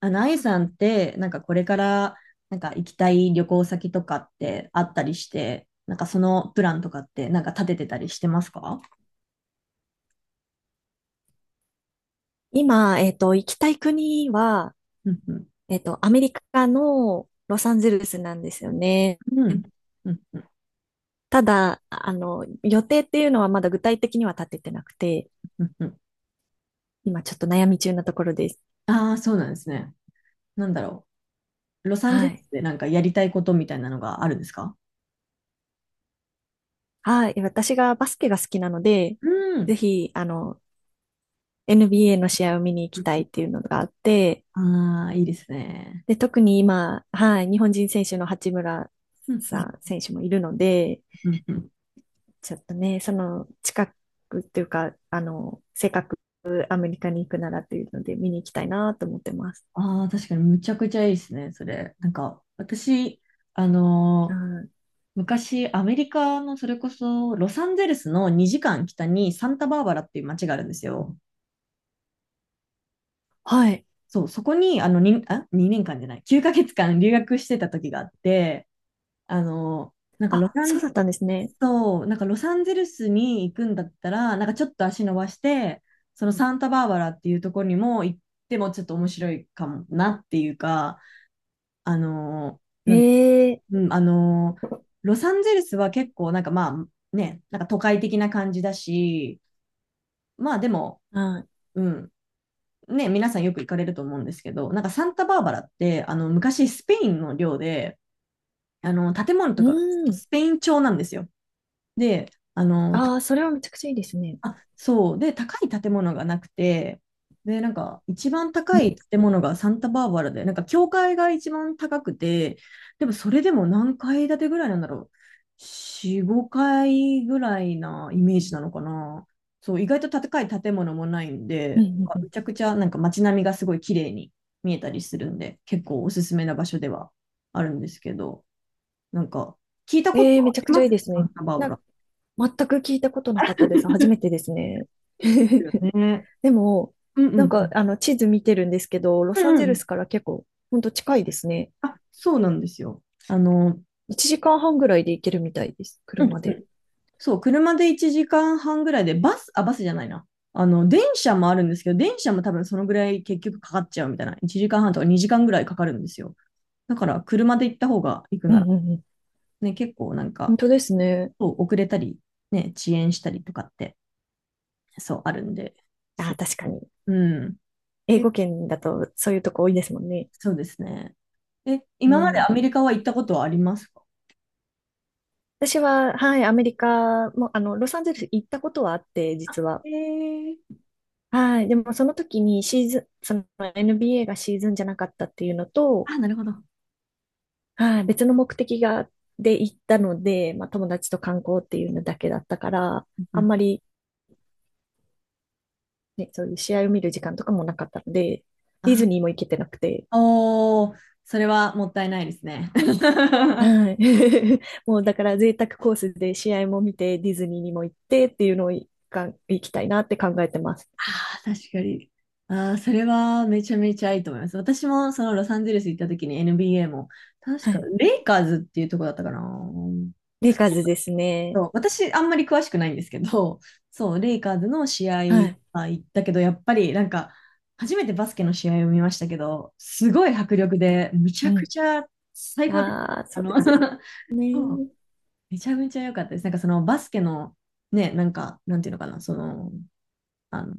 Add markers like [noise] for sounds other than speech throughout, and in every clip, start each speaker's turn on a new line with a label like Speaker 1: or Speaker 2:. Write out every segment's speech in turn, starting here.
Speaker 1: あゆさんって、これから、行きたい旅行先とかってあったりして、なんかそのプランとかって、立ててたりしてますか？
Speaker 2: 今、行きたい国は、
Speaker 1: うんうん。
Speaker 2: アメリカのロサンゼルスなんですよね。
Speaker 1: うん。うん。うん。
Speaker 2: ただ、予定っていうのはまだ具体的には立ててなくて、
Speaker 1: うんうん。
Speaker 2: 今ちょっと悩み中なところです。
Speaker 1: ああー、そうなんですね。なんだろロサンゼ
Speaker 2: は
Speaker 1: ル
Speaker 2: い。
Speaker 1: スでなんかやりたいことみたいなのがあるんですか？
Speaker 2: はい。私がバスケが好きなので、
Speaker 1: う
Speaker 2: ぜ
Speaker 1: ん。
Speaker 2: ひ、NBA の試合を見に行きたいっていうのがあって、
Speaker 1: ああ、いいですね。
Speaker 2: で、特に今、はい、日本人選手の八村
Speaker 1: うんう
Speaker 2: さ
Speaker 1: ん。
Speaker 2: ん選手もいるので、
Speaker 1: うんうん。
Speaker 2: ちょっとね、その近くっていうか、あの、せっかくアメリカに行くならというので見に行きたいなと思ってます。
Speaker 1: ああ、確かにむちゃくちゃいいですね、それ。なんか、私、あ
Speaker 2: う
Speaker 1: のー
Speaker 2: ん、
Speaker 1: 昔、アメリカのそれこそロサンゼルスの2時間北にサンタバーバラっていう街があるんですよ。
Speaker 2: はい。
Speaker 1: そう、そこに2年間じゃない、9ヶ月間留学してた時があって、あの、なんかロ
Speaker 2: あ、
Speaker 1: サ
Speaker 2: そう
Speaker 1: ン、
Speaker 2: だったんですね。
Speaker 1: そう、なんかロサンゼルスに行くんだったら、なんかちょっと足伸ばして、そのサンタバーバラっていうところにも行ってもちょっと面白いかもなっていうか、あの、
Speaker 2: ええ、
Speaker 1: うん、あのーロサンゼルスは結構まあね、なんか都会的な感じだし、まあでも、
Speaker 2: はい。
Speaker 1: うん、ね、皆さんよく行かれると思うんですけど、なんかサンタバーバラって、昔スペインの領で、建物とか
Speaker 2: うん。
Speaker 1: スペイン調なんですよ。で、あの、
Speaker 2: ああ、それはめちゃくちゃいいですね。
Speaker 1: あ、そう。で、高い建物がなくて、で、なんか、一番
Speaker 2: う
Speaker 1: 高い
Speaker 2: ん。
Speaker 1: 建物がサンタバーバラで、なんか、教会が一番高くて、でも、それでも何階建てぐらいなんだろう。4、5階ぐらいなイメージなのかな。そう、意外と高い建物もないん
Speaker 2: う
Speaker 1: で、
Speaker 2: んうんう
Speaker 1: め
Speaker 2: ん。
Speaker 1: ちゃくちゃ、なんか、街並みがすごい綺麗に見えたりするんで、結構おすすめな場所ではあるんですけど、なんか、聞いたこ
Speaker 2: え
Speaker 1: と
Speaker 2: え、
Speaker 1: は
Speaker 2: め
Speaker 1: あ
Speaker 2: ちゃく
Speaker 1: り
Speaker 2: ち
Speaker 1: ま
Speaker 2: ゃいい
Speaker 1: す
Speaker 2: です
Speaker 1: サ
Speaker 2: ね。
Speaker 1: ンタバーバ
Speaker 2: な、
Speaker 1: ラ。
Speaker 2: 全く聞いたことなかったです。初めて
Speaker 1: [laughs]
Speaker 2: ですね。[laughs]
Speaker 1: ね。
Speaker 2: でも、
Speaker 1: うんう
Speaker 2: なんか、
Speaker 1: ん。
Speaker 2: 地図見てるんですけど、ロ
Speaker 1: う
Speaker 2: サン
Speaker 1: んう
Speaker 2: ゼル
Speaker 1: ん。
Speaker 2: スから結構、ほんと近いですね。
Speaker 1: あ、そうなんですよ。あの、
Speaker 2: 1時間半ぐらいで行けるみたいです。
Speaker 1: うん
Speaker 2: 車
Speaker 1: う
Speaker 2: で。
Speaker 1: ん。そう、車で1時間半ぐらいで、バスじゃないな。電車もあるんですけど、電車も多分そのぐらい結局かかっちゃうみたいな。1時間半とか2時間ぐらいかかるんですよ。だから、車で行った方が行く
Speaker 2: うん
Speaker 1: なら、
Speaker 2: うんうん。
Speaker 1: ね、結構なん
Speaker 2: 本
Speaker 1: か、
Speaker 2: 当ですね。
Speaker 1: そう遅れたり、ね、遅延したりとかって、そう、あるんで。
Speaker 2: あ
Speaker 1: そ
Speaker 2: ー、確かに。
Speaker 1: う、うん。
Speaker 2: 英
Speaker 1: え、
Speaker 2: 語圏だとそういうとこ多いですもんね。
Speaker 1: そうですね。え、
Speaker 2: う
Speaker 1: 今まで
Speaker 2: ん。
Speaker 1: アメリカは行ったことはありますか？
Speaker 2: 私は、はい、アメリカも、ロサンゼルス行ったことはあって、実は。
Speaker 1: えー、
Speaker 2: はい。でも、その時にシーズン、その NBA がシーズンじゃなかったっていうのと、
Speaker 1: あ、なるほど。うん
Speaker 2: はい、別の目的が、で行ったので、まあ友達と観光っていうのだけだったから、
Speaker 1: う
Speaker 2: あん
Speaker 1: ん。
Speaker 2: まりね、そういう試合を見る時間とかもなかったので、ディズ
Speaker 1: あ
Speaker 2: ニーも行けてなくて、
Speaker 1: おー、それはもったいないですね。[laughs] あ
Speaker 2: はい。[laughs] もうだから贅沢コースで試合も見て、ディズニーにも行ってっていうのを行きたいなって考えてます。
Speaker 1: あ、確かに。ああ、それはめちゃめちゃいいと思います。私もそのロサンゼルス行った時に NBA も、確
Speaker 2: は
Speaker 1: か
Speaker 2: い。
Speaker 1: レイカーズっていうとこだったかな。
Speaker 2: レイカーズですね。
Speaker 1: そう私、あんまり詳しくないんですけど、そう、レイカーズの試合
Speaker 2: はい。
Speaker 1: は行ったけど、やっぱりなんか、初めてバスケの試合を見ましたけど、すごい迫力で、むち
Speaker 2: う
Speaker 1: ゃく
Speaker 2: ん。
Speaker 1: ちゃ最高で、
Speaker 2: ああ、
Speaker 1: あ
Speaker 2: そう
Speaker 1: の、
Speaker 2: ですよ
Speaker 1: [laughs] そう
Speaker 2: ね。
Speaker 1: めちゃめちゃ良かったです。なんかそのバスケの、ね、なんか、なんていうのかな、あの、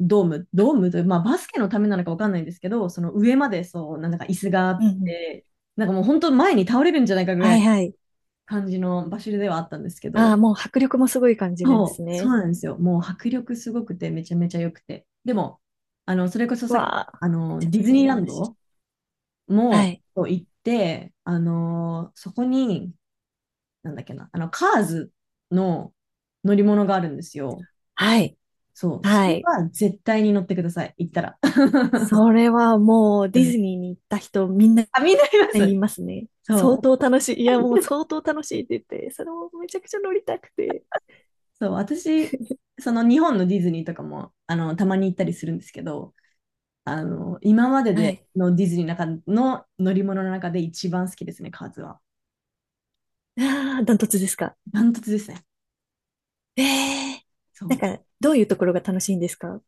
Speaker 1: ドームという、まあバスケのためなのかわかんないんですけど、その上までそう、なんか椅子があ
Speaker 2: う
Speaker 1: っ
Speaker 2: んうん。
Speaker 1: て、なんかもう本当前に倒れるんじゃないかぐら
Speaker 2: はい
Speaker 1: い
Speaker 2: はい。
Speaker 1: 感じの場所ではあったんですけ
Speaker 2: あ
Speaker 1: ど、
Speaker 2: あ、もう迫力もすごい感じるんで
Speaker 1: そ
Speaker 2: す
Speaker 1: う、そ
Speaker 2: ね。
Speaker 1: うなんですよ。もう迫力すごくて、めちゃめちゃ良くて。でも、それこそさっき、
Speaker 2: わあ、めちゃ
Speaker 1: デ
Speaker 2: め
Speaker 1: ィズ
Speaker 2: ちゃ
Speaker 1: ニー
Speaker 2: 羨
Speaker 1: ラン
Speaker 2: ましい。
Speaker 1: ド
Speaker 2: は
Speaker 1: も
Speaker 2: い。
Speaker 1: そう行って、あの、そこに、なんだっけな、あの、カーズの乗り物があるんですよ。
Speaker 2: はい。
Speaker 1: そう、そ
Speaker 2: は
Speaker 1: れ
Speaker 2: い。
Speaker 1: は絶対に乗ってください、行ったら。[laughs]
Speaker 2: それはもう
Speaker 1: う
Speaker 2: ディ
Speaker 1: ん。
Speaker 2: ズニーに行った人みんな
Speaker 1: あ、みんなりま
Speaker 2: 言い
Speaker 1: す。
Speaker 2: ますね。
Speaker 1: そ
Speaker 2: 相
Speaker 1: う、
Speaker 2: 当楽しい。いや、もう相当楽しいって言って、それもめちゃくちゃ乗りたくて。
Speaker 1: そう、私、その日本のディズニーとかも、たまに行ったりするんですけど、今まで
Speaker 2: は
Speaker 1: で
Speaker 2: い。
Speaker 1: のディズニーの中の乗り物の中で一番好きですね、カーズは。
Speaker 2: ああ、ダントツですか？
Speaker 1: ダントツですね。
Speaker 2: ええ、
Speaker 1: そ
Speaker 2: なん
Speaker 1: う。
Speaker 2: か、どういうところが楽しいんですか？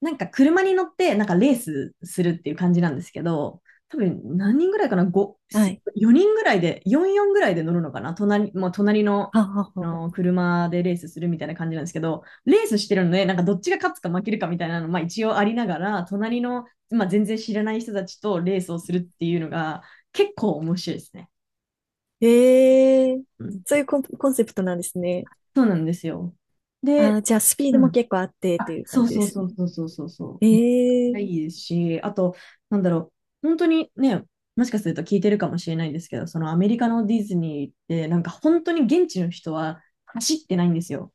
Speaker 1: なんか車に乗って、なんかレースするっていう感じなんですけど、多分何人ぐらいかな、5、
Speaker 2: はい。
Speaker 1: 4人ぐらいで、4、4ぐらいで乗るのかな、もう隣の、
Speaker 2: はあはあはあ。
Speaker 1: 車でレースするみたいな感じなんですけど、レースしてるので、なんかどっちが勝つか負けるかみたいなの、まあ一応ありながら、まあ、全然知らない人たちとレースをするっていうのが結構面白いですね。
Speaker 2: ええ、
Speaker 1: うん、
Speaker 2: そういうコン、コンセプトなんですね。
Speaker 1: そうなんですよ。
Speaker 2: あ
Speaker 1: で、
Speaker 2: あ、じゃあスピー
Speaker 1: う
Speaker 2: ドも
Speaker 1: ん、
Speaker 2: 結構あってと
Speaker 1: あ、
Speaker 2: いう
Speaker 1: そ
Speaker 2: 感
Speaker 1: う
Speaker 2: じで
Speaker 1: そう
Speaker 2: す
Speaker 1: そ
Speaker 2: ね。
Speaker 1: うそうそうそうそ
Speaker 2: え
Speaker 1: う。
Speaker 2: え、
Speaker 1: いいですし、あと、なんだろ本当にね、もしかすると聞いてるかもしれないんですけど、そのアメリカのディズニーって、なんか本当に現地の人は走ってないんですよ。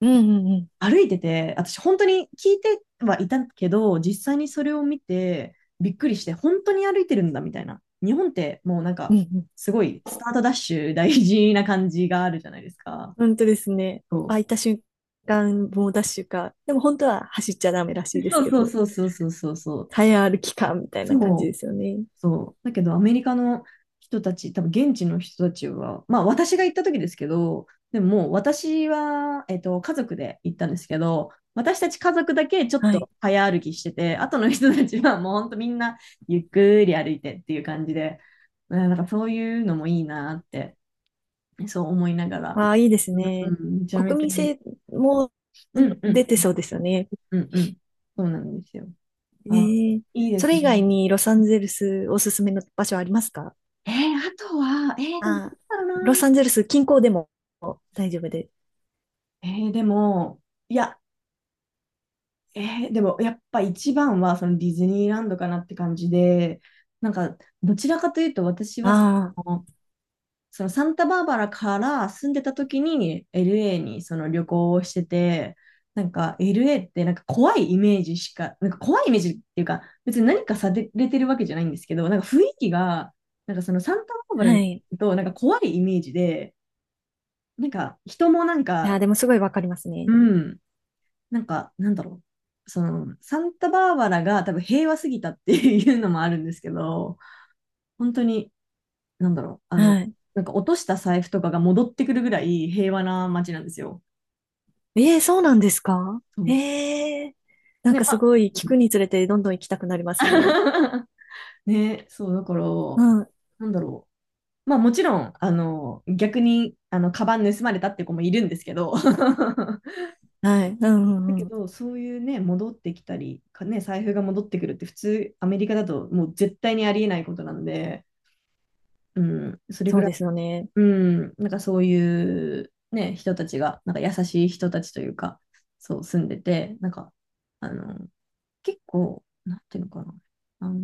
Speaker 2: うんうんうん。
Speaker 1: 歩いてて、私本当に聞いてはいたけど、実際にそれを見てびっくりして、本当に歩いてるんだみたいな。日本ってもうなん
Speaker 2: う
Speaker 1: か、
Speaker 2: んうん、
Speaker 1: すごいスタートダッシュ大事な感じがあるじゃないですか。
Speaker 2: 本当ですね。
Speaker 1: そう
Speaker 2: 空いた瞬間、猛ダッシュか。でも本当は走っちゃダメらしいです
Speaker 1: そ
Speaker 2: け
Speaker 1: う
Speaker 2: ど、
Speaker 1: そうそうそうそうそう。
Speaker 2: 早歩きか、みたいな感
Speaker 1: そ
Speaker 2: じ
Speaker 1: う
Speaker 2: ですよね。
Speaker 1: そう。だけど、アメリカの人たち、多分現地の人たちは、まあ私が行った時ですけど、でももう私は、家族で行ったんですけど、私たち家族だけちょっ
Speaker 2: はい。
Speaker 1: と早歩きしてて、後の人たちはもうほんとみんなゆっくり歩いてっていう感じで、うんなんかそういうのもいいなって、そう思いながら。
Speaker 2: ああ、いいです
Speaker 1: う
Speaker 2: ね。
Speaker 1: ん、めちゃめ
Speaker 2: 国
Speaker 1: ちゃ
Speaker 2: 民
Speaker 1: いい。
Speaker 2: 性も
Speaker 1: うんう
Speaker 2: 出
Speaker 1: ん
Speaker 2: てそうですよね。
Speaker 1: うんうん。そうなんですよ。
Speaker 2: え
Speaker 1: あ、
Speaker 2: ー、
Speaker 1: いいで
Speaker 2: そ
Speaker 1: す
Speaker 2: れ
Speaker 1: ね。
Speaker 2: 以外にロサンゼルスおすすめの場所ありますか？
Speaker 1: えーあとは、えーでもどう
Speaker 2: あ
Speaker 1: だ
Speaker 2: あ、
Speaker 1: ろう
Speaker 2: ロ
Speaker 1: な。
Speaker 2: サンゼルス近郊でも大丈夫で。
Speaker 1: えー、でも、いや、えー、でもやっぱ一番はそのディズニーランドかなって感じで、なんかどちらかというと私は
Speaker 2: あ
Speaker 1: の、そのサンタバーバラから住んでた時に LA にその旅行をしてて、なんか LA ってなんか怖いイメージしか、なんか怖いイメージっていうか、別に何かされてるわけじゃないんですけど、なんか雰囲気が、なんかそのサンタバーバ
Speaker 2: あ、
Speaker 1: ラ
Speaker 2: は
Speaker 1: に行
Speaker 2: い。い
Speaker 1: くとなんか怖いイメージで、なんか人もなん
Speaker 2: や、
Speaker 1: か、
Speaker 2: でもすごいわかります
Speaker 1: う
Speaker 2: ね。
Speaker 1: ん、なんだろう。その、サンタバーバラが多分平和すぎたっていうのもあるんですけど、本当に、なんだろう。
Speaker 2: はい。
Speaker 1: なんか落とした財布とかが戻ってくるぐらい平和な街なんですよ。
Speaker 2: ええ、そうなんですか？
Speaker 1: そう。
Speaker 2: ええ、なん
Speaker 1: ね、
Speaker 2: か
Speaker 1: ま
Speaker 2: す
Speaker 1: あ、
Speaker 2: ごい聞
Speaker 1: うん。
Speaker 2: くにつれてどんどん行きたくなりますね。
Speaker 1: [laughs] ね、そう、だから、
Speaker 2: うん。
Speaker 1: なんだろう。まあもちろん、逆に、カバン盗まれたって子もいるんですけど、[laughs]
Speaker 2: はい。うん
Speaker 1: だ
Speaker 2: うんう
Speaker 1: け
Speaker 2: ん。
Speaker 1: ど、そういうね、戻ってきたり、かね、財布が戻ってくるって普通、アメリカだともう絶対にありえないことなんで、うん、それ
Speaker 2: そ
Speaker 1: ぐ
Speaker 2: う
Speaker 1: らい、
Speaker 2: ですよね。
Speaker 1: うん、なんかそういうね、人たちが、なんか優しい人たちというか、そう住んでて、あの、結構、なんていうのかな、あの、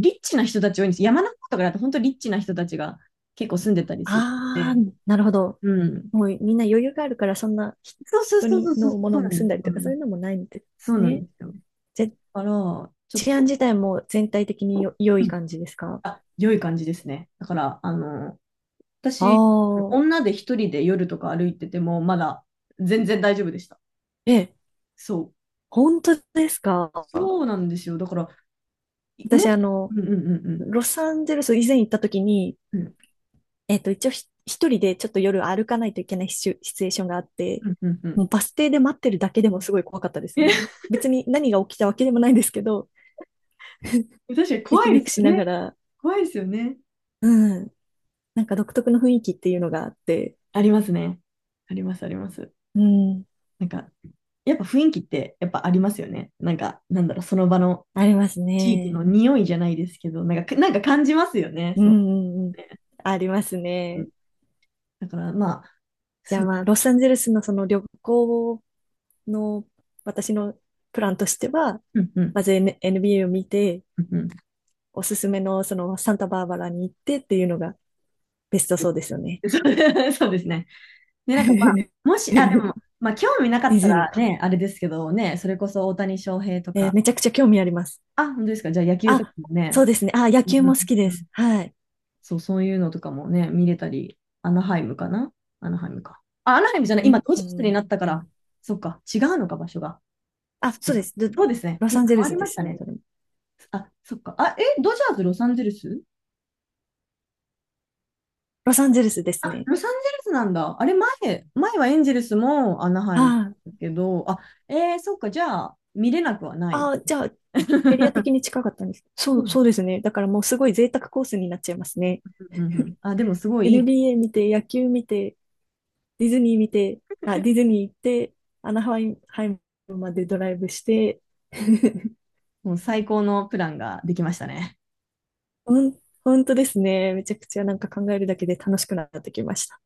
Speaker 1: リッチな人たち多いんです。山の方とかだと本当リッチな人たちが結構住んでたりするの
Speaker 2: ああ、
Speaker 1: で。
Speaker 2: なるほど。
Speaker 1: うん。
Speaker 2: もうみんな余裕があるから、そんなひ
Speaker 1: そうそう
Speaker 2: 人
Speaker 1: そうそ
Speaker 2: に
Speaker 1: うそう、
Speaker 2: のも
Speaker 1: そ
Speaker 2: の
Speaker 1: うな
Speaker 2: を
Speaker 1: んで
Speaker 2: 盗ん
Speaker 1: す。
Speaker 2: だりと
Speaker 1: う
Speaker 2: かそう
Speaker 1: ん
Speaker 2: いうのもないんで
Speaker 1: そ
Speaker 2: す
Speaker 1: うなんで
Speaker 2: ね。
Speaker 1: すよ。だ
Speaker 2: ぜ、
Speaker 1: から、ちょっ
Speaker 2: 治安
Speaker 1: と、
Speaker 2: 自体も全体的に良
Speaker 1: う
Speaker 2: い
Speaker 1: ん
Speaker 2: 感じですか？
Speaker 1: あ、良い感じですね。だから、
Speaker 2: あ
Speaker 1: 私、
Speaker 2: あ、
Speaker 1: 女で一人で夜とか歩いてても、まだ全然大丈夫でした。
Speaker 2: ええ、
Speaker 1: そう。
Speaker 2: 本当ですか？
Speaker 1: そうなんですよ。だから、いも
Speaker 2: 私あ
Speaker 1: っ、う
Speaker 2: の、
Speaker 1: んうんうんうん。
Speaker 2: ロサンゼルス以前行った時に、
Speaker 1: うん
Speaker 2: えっと、一応一人でちょっと夜歩かないといけないシチュエーションがあっ
Speaker 1: う
Speaker 2: て、
Speaker 1: んうんう
Speaker 2: も
Speaker 1: ん。
Speaker 2: うバス停で待ってるだけでもすごい怖かったですよ
Speaker 1: え、
Speaker 2: ね。別に何が起きたわけでもないんですけど、
Speaker 1: [laughs] 確かに
Speaker 2: ビ
Speaker 1: 怖
Speaker 2: ク
Speaker 1: いで
Speaker 2: ビ
Speaker 1: す
Speaker 2: クし
Speaker 1: よ
Speaker 2: なが
Speaker 1: ね。
Speaker 2: ら、
Speaker 1: 怖いですよね。
Speaker 2: うん、なんか独特の雰囲気っていうのがあって、
Speaker 1: ありますね。ありますあります。
Speaker 2: うん、
Speaker 1: なんか、やっぱ雰囲気ってやっぱありますよね。なんか、なんだろう、その場の
Speaker 2: あります
Speaker 1: 地域
Speaker 2: ね。
Speaker 1: の匂いじゃないですけど、なんか、なんか感じますよね。
Speaker 2: うん、
Speaker 1: そ
Speaker 2: うん、う
Speaker 1: う
Speaker 2: ん、
Speaker 1: ね。
Speaker 2: あります
Speaker 1: うん、
Speaker 2: ね。
Speaker 1: だから、まあ、
Speaker 2: じゃ
Speaker 1: そ
Speaker 2: あ
Speaker 1: う、
Speaker 2: まあ、ロサンゼルスのその旅行の私のプランとしては、
Speaker 1: うんうん、
Speaker 2: まず NBA を見て、
Speaker 1: うんうん。
Speaker 2: おすすめのそのサンタバーバラに行ってっていうのがベストそうですよね。
Speaker 1: そう [laughs] そうですね。で、なんかまあ、
Speaker 2: [laughs]
Speaker 1: もし、あ、で
Speaker 2: デ
Speaker 1: も、まあ、興味なかっ
Speaker 2: ィ
Speaker 1: た
Speaker 2: ズニー
Speaker 1: ら
Speaker 2: か。
Speaker 1: ね、あれですけどね、それこそ大谷翔平と
Speaker 2: えー、
Speaker 1: か、
Speaker 2: めちゃくちゃ興味あります。
Speaker 1: あ、本当ですか。じゃあ野球とか
Speaker 2: あ、
Speaker 1: も
Speaker 2: そ
Speaker 1: ね、
Speaker 2: うですね。あ、野
Speaker 1: うんう
Speaker 2: 球
Speaker 1: ん
Speaker 2: も好き
Speaker 1: う
Speaker 2: で
Speaker 1: んうん
Speaker 2: す。はい。
Speaker 1: そう、そういうのとかもね、見れたり、アナハイムかなアナハイムか。あ、アナハイムじゃない、
Speaker 2: うん
Speaker 1: 今、ドジ
Speaker 2: う
Speaker 1: ャースに
Speaker 2: ん
Speaker 1: なったか
Speaker 2: う
Speaker 1: ら、
Speaker 2: ん、
Speaker 1: そっか、違うのか、場所が。
Speaker 2: あ、
Speaker 1: そう
Speaker 2: そうで
Speaker 1: だ
Speaker 2: す。
Speaker 1: そうですね、
Speaker 2: ロ
Speaker 1: 今
Speaker 2: サンゼ
Speaker 1: 変
Speaker 2: ル
Speaker 1: わ
Speaker 2: ス
Speaker 1: り
Speaker 2: で
Speaker 1: まし
Speaker 2: す
Speaker 1: た
Speaker 2: ね。
Speaker 1: ね。
Speaker 2: それも
Speaker 1: あ、そっか。あ、え、ドジャース、ロサンゼルス
Speaker 2: ロサンゼルスで
Speaker 1: あ、
Speaker 2: すね。
Speaker 1: ロサンゼルスなんだ。あれ、前はエンゼルスもアナハイ
Speaker 2: は
Speaker 1: ム
Speaker 2: い。
Speaker 1: だけど、あ、えー、そっか、じゃあ、見れなくはない。
Speaker 2: あ、じゃあ、エリア的
Speaker 1: [laughs]
Speaker 2: に近かったんです。そ
Speaker 1: う
Speaker 2: う、
Speaker 1: ん
Speaker 2: そうですね。だからもうすごい贅沢コースになっちゃいますね。
Speaker 1: うんうんう
Speaker 2: [laughs]
Speaker 1: んあ、でも、すごいいい、
Speaker 2: NBA 見て、野球見て、ディズニー見て、あ、ディズニー行って、アナハイムまでドライブして、[laughs]
Speaker 1: もう最高のプランができましたね。
Speaker 2: ほん、本当ですね。めちゃくちゃなんか考えるだけで楽しくなってきました。